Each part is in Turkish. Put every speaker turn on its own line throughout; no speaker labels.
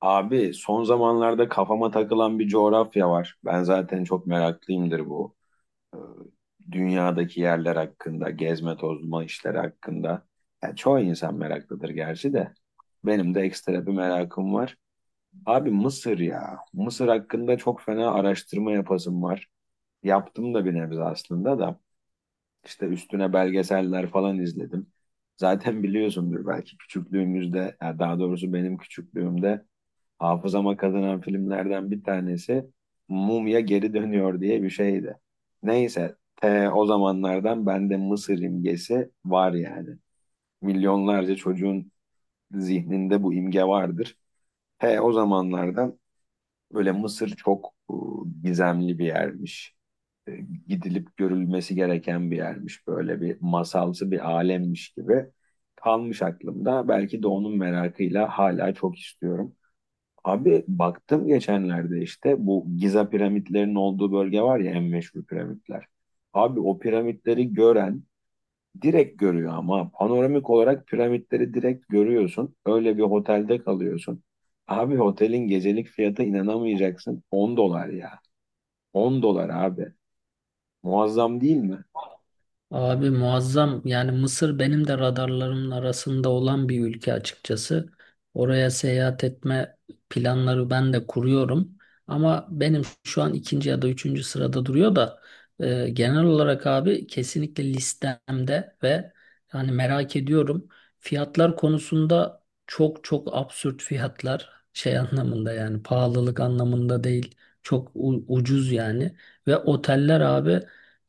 Abi son zamanlarda kafama takılan bir coğrafya var. Ben zaten çok meraklıyımdır bu e, dünyadaki yerler hakkında, gezme tozma işleri hakkında. Ya çoğu insan meraklıdır gerçi de. Benim de ekstra bir merakım var. Abi Mısır ya. Mısır hakkında çok fena araştırma yapasım var. Yaptım da bir nebze aslında da. İşte üstüne belgeseller falan izledim. Zaten biliyorsundur belki küçüklüğümüzde, ya daha doğrusu benim küçüklüğümde hafızama kazanan filmlerden bir tanesi Mumya Geri Dönüyor diye bir şeydi. Neyse, o zamanlardan bende Mısır imgesi var yani. Milyonlarca çocuğun zihninde bu imge vardır. He o zamanlardan böyle Mısır çok gizemli bir yermiş. E, Gidilip görülmesi gereken bir yermiş. Böyle bir masalsı bir alemmiş gibi kalmış aklımda. Belki de onun merakıyla hala çok istiyorum. Abi baktım geçenlerde işte bu Giza piramitlerinin olduğu bölge var ya en meşhur piramitler. Abi o piramitleri gören direkt görüyor ama panoramik olarak piramitleri direkt görüyorsun. Öyle bir otelde kalıyorsun. Abi otelin gecelik fiyatı inanamayacaksın. 10 dolar ya. 10 dolar abi. Muazzam değil mi?
Abi muazzam yani Mısır benim de radarlarımın arasında olan bir ülke açıkçası. Oraya seyahat etme planları ben de kuruyorum. Ama benim şu an ikinci ya da üçüncü sırada duruyor da genel olarak abi kesinlikle listemde ve yani merak ediyorum. Fiyatlar konusunda çok çok absürt fiyatlar şey anlamında yani pahalılık anlamında değil. Çok ucuz yani. Ve oteller abi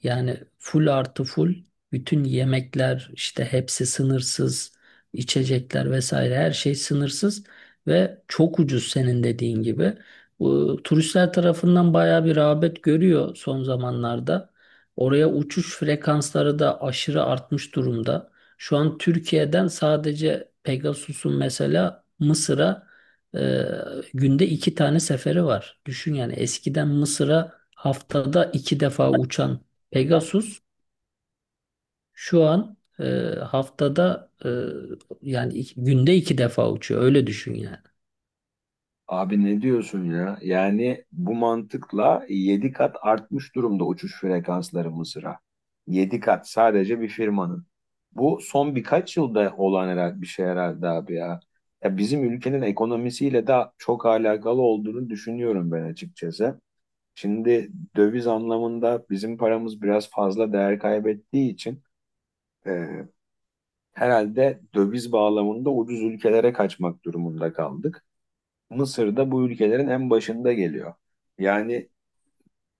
yani full artı full bütün yemekler işte hepsi sınırsız, içecekler vesaire her şey sınırsız ve çok ucuz senin dediğin gibi. Bu turistler tarafından bayağı bir rağbet görüyor son zamanlarda. Oraya uçuş frekansları da aşırı artmış durumda. Şu an Türkiye'den sadece Pegasus'un mesela Mısır'a e, günde iki tane seferi var. Düşün yani eskiden Mısır'a haftada iki defa uçan Pegasus şu an haftada yani günde iki defa uçuyor. Öyle düşün yani.
Abi ne diyorsun ya? Yani bu mantıkla 7 kat artmış durumda uçuş frekansları Mısır'a. 7 kat sadece bir firmanın. Bu son birkaç yılda olan herhalde bir şey herhalde abi ya. Ya bizim ülkenin ekonomisiyle de çok alakalı olduğunu düşünüyorum ben açıkçası. Şimdi döviz anlamında bizim paramız biraz fazla değer kaybettiği için e, herhalde döviz bağlamında ucuz ülkelere kaçmak durumunda kaldık. Mısır da bu ülkelerin en başında geliyor. Yani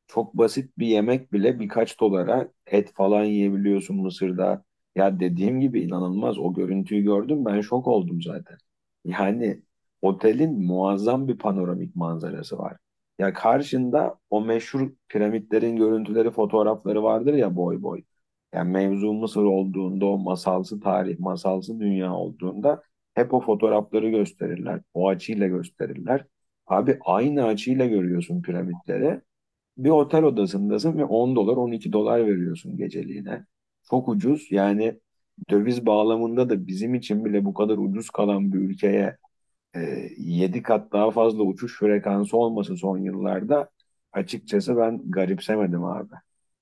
çok basit bir yemek bile birkaç dolara et falan yiyebiliyorsun Mısır'da. Ya dediğim gibi inanılmaz. O görüntüyü gördüm, ben şok oldum zaten. Yani otelin muazzam bir panoramik manzarası var. Ya karşında o meşhur piramitlerin görüntüleri, fotoğrafları vardır ya, boy boy. Yani mevzu Mısır olduğunda, o masalsı tarih, masalsı dünya olduğunda hep o fotoğrafları gösterirler. O açıyla gösterirler. Abi aynı açıyla görüyorsun piramitleri, bir otel odasındasın ve 10 dolar 12 dolar veriyorsun geceliğine. Çok ucuz yani, döviz bağlamında da bizim için bile bu kadar ucuz kalan bir ülkeye 7 kat daha fazla uçuş frekansı olması son yıllarda açıkçası ben garipsemedim abi.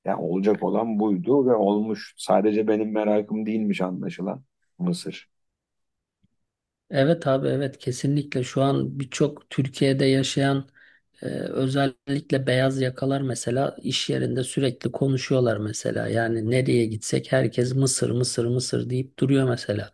Yani olacak olan buydu ve olmuş. Sadece benim merakım değilmiş anlaşılan Mısır.
Evet abi, evet kesinlikle şu an birçok Türkiye'de yaşayan, özellikle beyaz yakalar mesela iş yerinde sürekli konuşuyorlar mesela. Yani nereye gitsek herkes Mısır, Mısır, Mısır deyip duruyor mesela.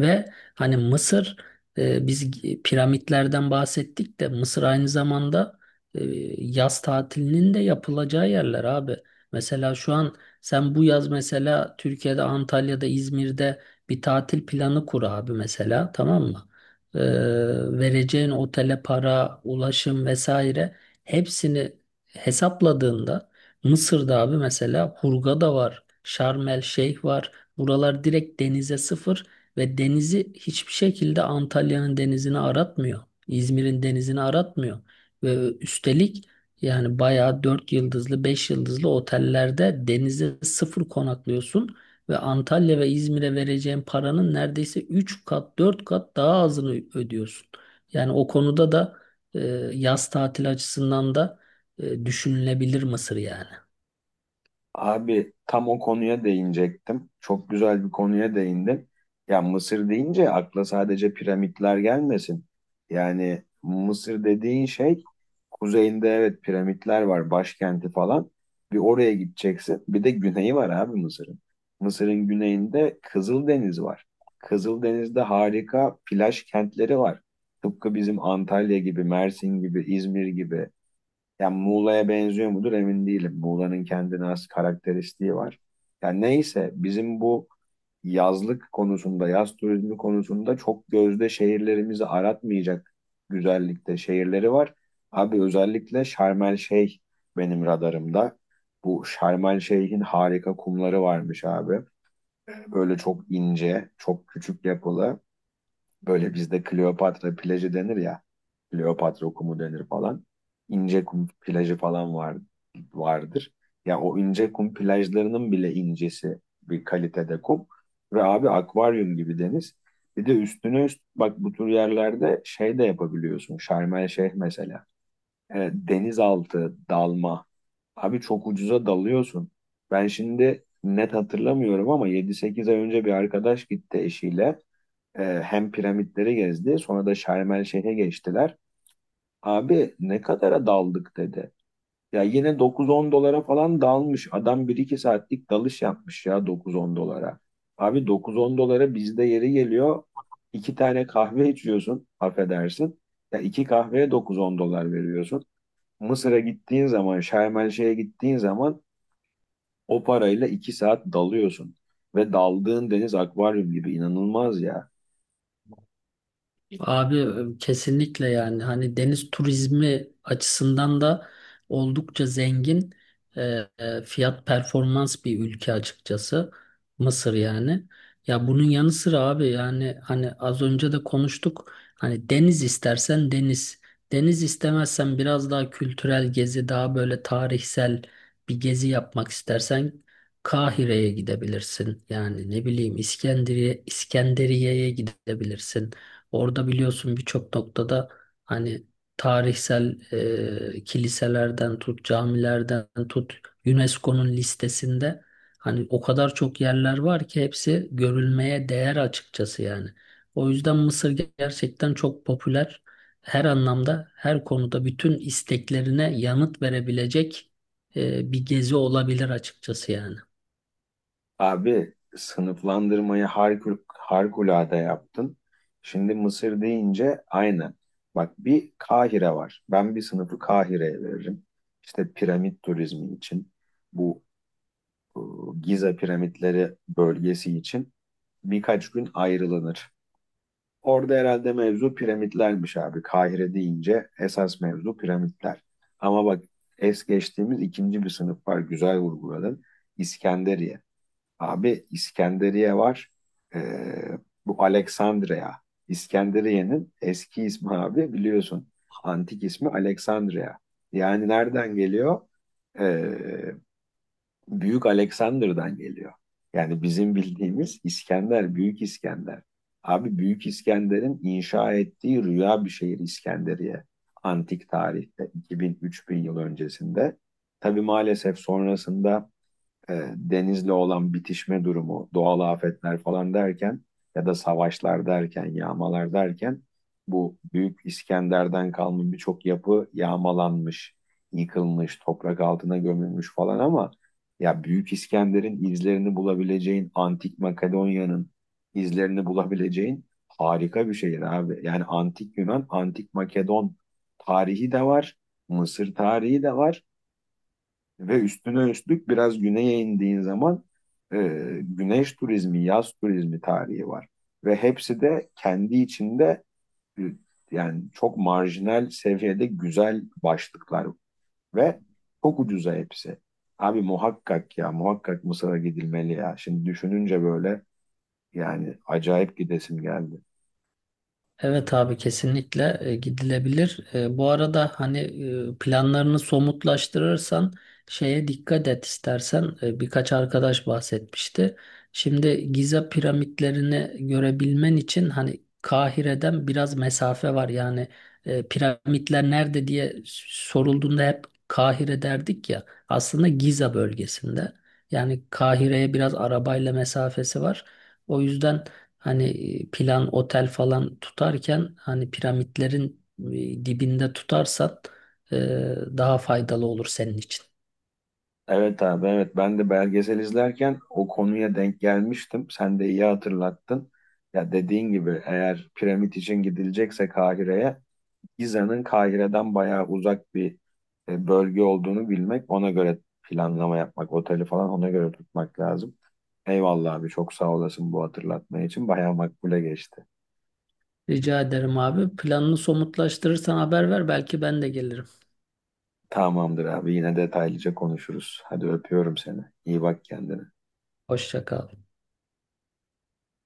Ve hani Mısır, biz piramitlerden bahsettik de Mısır aynı zamanda e, yaz tatilinin de yapılacağı yerler abi. Mesela şu an sen bu yaz mesela Türkiye'de, Antalya'da, İzmir'de bir tatil planı kur abi mesela, tamam mı? e, Vereceğin otele para, ulaşım vesaire hepsini hesapladığında Mısır'da abi mesela Hurghada da var, Şarm El Şeyh var. Buralar direkt denize sıfır ve denizi hiçbir şekilde Antalya'nın denizini aratmıyor. İzmir'in denizini aratmıyor. Ve üstelik yani bayağı 4 yıldızlı, 5 yıldızlı otellerde denize sıfır konaklıyorsun ve Antalya ve İzmir'e vereceğin paranın neredeyse 3 kat 4 kat daha azını ödüyorsun. Yani o konuda da e, yaz tatili açısından da düşünülebilir Mısır yani.
Abi tam o konuya değinecektim. Çok güzel bir konuya değindin. Ya Mısır deyince akla sadece piramitler gelmesin. Yani Mısır dediğin şey, kuzeyinde evet piramitler var, başkenti falan. Bir oraya gideceksin. Bir de güneyi var abi Mısır'ın. Mısır'ın güneyinde Kızıldeniz var. Kızıldeniz'de harika plaj kentleri var. Tıpkı bizim Antalya gibi, Mersin gibi, İzmir gibi. Yani Muğla'ya benziyor mudur emin değilim. Muğla'nın kendine has karakteristiği var. Yani neyse, bizim bu yazlık konusunda, yaz turizmi konusunda çok gözde şehirlerimizi aratmayacak güzellikte şehirleri var. Abi özellikle Şarm El Şeyh benim radarımda. Bu Şarm El Şeyh'in harika kumları varmış abi. Böyle çok ince, çok küçük yapılı. Böyle bizde Kleopatra plajı denir ya. Kleopatra kumu denir falan. İnce kum plajı falan var, vardır. Ya o ince kum plajlarının bile incesi bir kalitede kum. Ve abi akvaryum gibi deniz. Bir de üstüne üst bak, bu tür yerlerde şey de yapabiliyorsun. Şarm El Şeyh mesela. Denizaltı dalma. Abi çok ucuza dalıyorsun. Ben şimdi net hatırlamıyorum ama 7-8 ay önce bir arkadaş gitti eşiyle. Hem piramitleri gezdi, sonra da Şarm El Şeyh'e geçtiler. Abi ne kadara daldık dedi. Ya yine 9-10 dolara falan dalmış. Adam 1-2 saatlik dalış yapmış ya, 9-10 dolara. Abi 9-10 dolara bizde yeri geliyor. İki tane kahve içiyorsun, affedersin. Ya iki kahveye 9-10 dolar veriyorsun. Mısır'a gittiğin zaman, Şarm El Şeyh'e gittiğin zaman o parayla 2 saat dalıyorsun. Ve daldığın deniz akvaryum gibi, inanılmaz ya.
Abi kesinlikle yani hani deniz turizmi açısından da oldukça zengin, e, fiyat performans bir ülke açıkçası Mısır yani. Ya bunun yanı sıra abi yani hani az önce de konuştuk, hani deniz istersen deniz, deniz istemezsen biraz daha kültürel gezi, daha böyle tarihsel bir gezi yapmak istersen Kahire'ye gidebilirsin, yani ne bileyim İskenderiye'ye gidebilirsin. Orada biliyorsun birçok noktada hani tarihsel kiliselerden tut, camilerden tut, UNESCO'nun listesinde hani o kadar çok yerler var ki hepsi görülmeye değer açıkçası yani. O yüzden Mısır gerçekten çok popüler. Her anlamda, her konuda bütün isteklerine yanıt verebilecek bir gezi olabilir açıkçası yani.
Abi sınıflandırmayı harikulade yaptın. Şimdi Mısır deyince aynen. Bak, bir Kahire var. Ben bir sınıfı Kahire'ye veririm. İşte piramit turizmi için, bu e, Giza piramitleri bölgesi için birkaç gün ayrılanır. Orada herhalde mevzu piramitlermiş abi. Kahire deyince esas mevzu piramitler. Ama bak, es geçtiğimiz ikinci bir sınıf var. Güzel vurguladın. İskenderiye. Abi İskenderiye var. Ee, Bu Aleksandria. İskenderiye'nin eski ismi abi, biliyorsun. Antik ismi Aleksandria. Yani nereden geliyor? Ee, Büyük Aleksander'dan geliyor. Yani bizim bildiğimiz İskender, Büyük İskender. Abi Büyük İskender'in inşa ettiği rüya bir şehir İskenderiye. Antik tarihte 2000-3000 yıl öncesinde. Tabii maalesef sonrasında denizle olan bitişme durumu, doğal afetler falan derken, ya da savaşlar derken, yağmalar derken bu Büyük İskender'den kalma birçok yapı yağmalanmış, yıkılmış, toprak altına gömülmüş falan, ama ya Büyük İskender'in izlerini bulabileceğin, Antik Makedonya'nın izlerini bulabileceğin harika bir şehir abi. Yani Antik Yunan, Antik Makedon tarihi de var, Mısır tarihi de var. Ve üstüne üstlük biraz güneye indiğin zaman e, güneş turizmi, yaz turizmi tarihi var. Ve hepsi de kendi içinde e, yani çok marjinal seviyede güzel başlıklar ve çok ucuza hepsi. Abi muhakkak ya, muhakkak Mısır'a gidilmeli ya. Şimdi düşününce böyle, yani acayip gidesim geldi.
Evet abi, kesinlikle gidilebilir. Bu arada hani planlarını somutlaştırırsan şeye dikkat et istersen. Birkaç arkadaş bahsetmişti. Şimdi Giza piramitlerini görebilmen için hani Kahire'den biraz mesafe var. Yani piramitler nerede diye sorulduğunda hep Kahire derdik ya. Aslında Giza bölgesinde. Yani Kahire'ye biraz arabayla mesafesi var. O yüzden hani plan otel falan tutarken hani piramitlerin dibinde tutarsan e, daha faydalı olur senin için.
Evet abi, evet, ben de belgesel izlerken o konuya denk gelmiştim. Sen de iyi hatırlattın. Ya dediğin gibi eğer piramit için gidilecekse Kahire'ye, Giza'nın Kahire'den bayağı uzak bir bölge olduğunu bilmek, ona göre planlama yapmak, oteli falan ona göre tutmak lazım. Eyvallah abi, çok sağ olasın, bu hatırlatma için bayağı makbule geçti.
Rica ederim abi. Planını somutlaştırırsan haber ver, belki ben de gelirim.
Tamamdır abi, yine detaylıca konuşuruz. Hadi öpüyorum seni. İyi bak kendine.
Hoşça kal.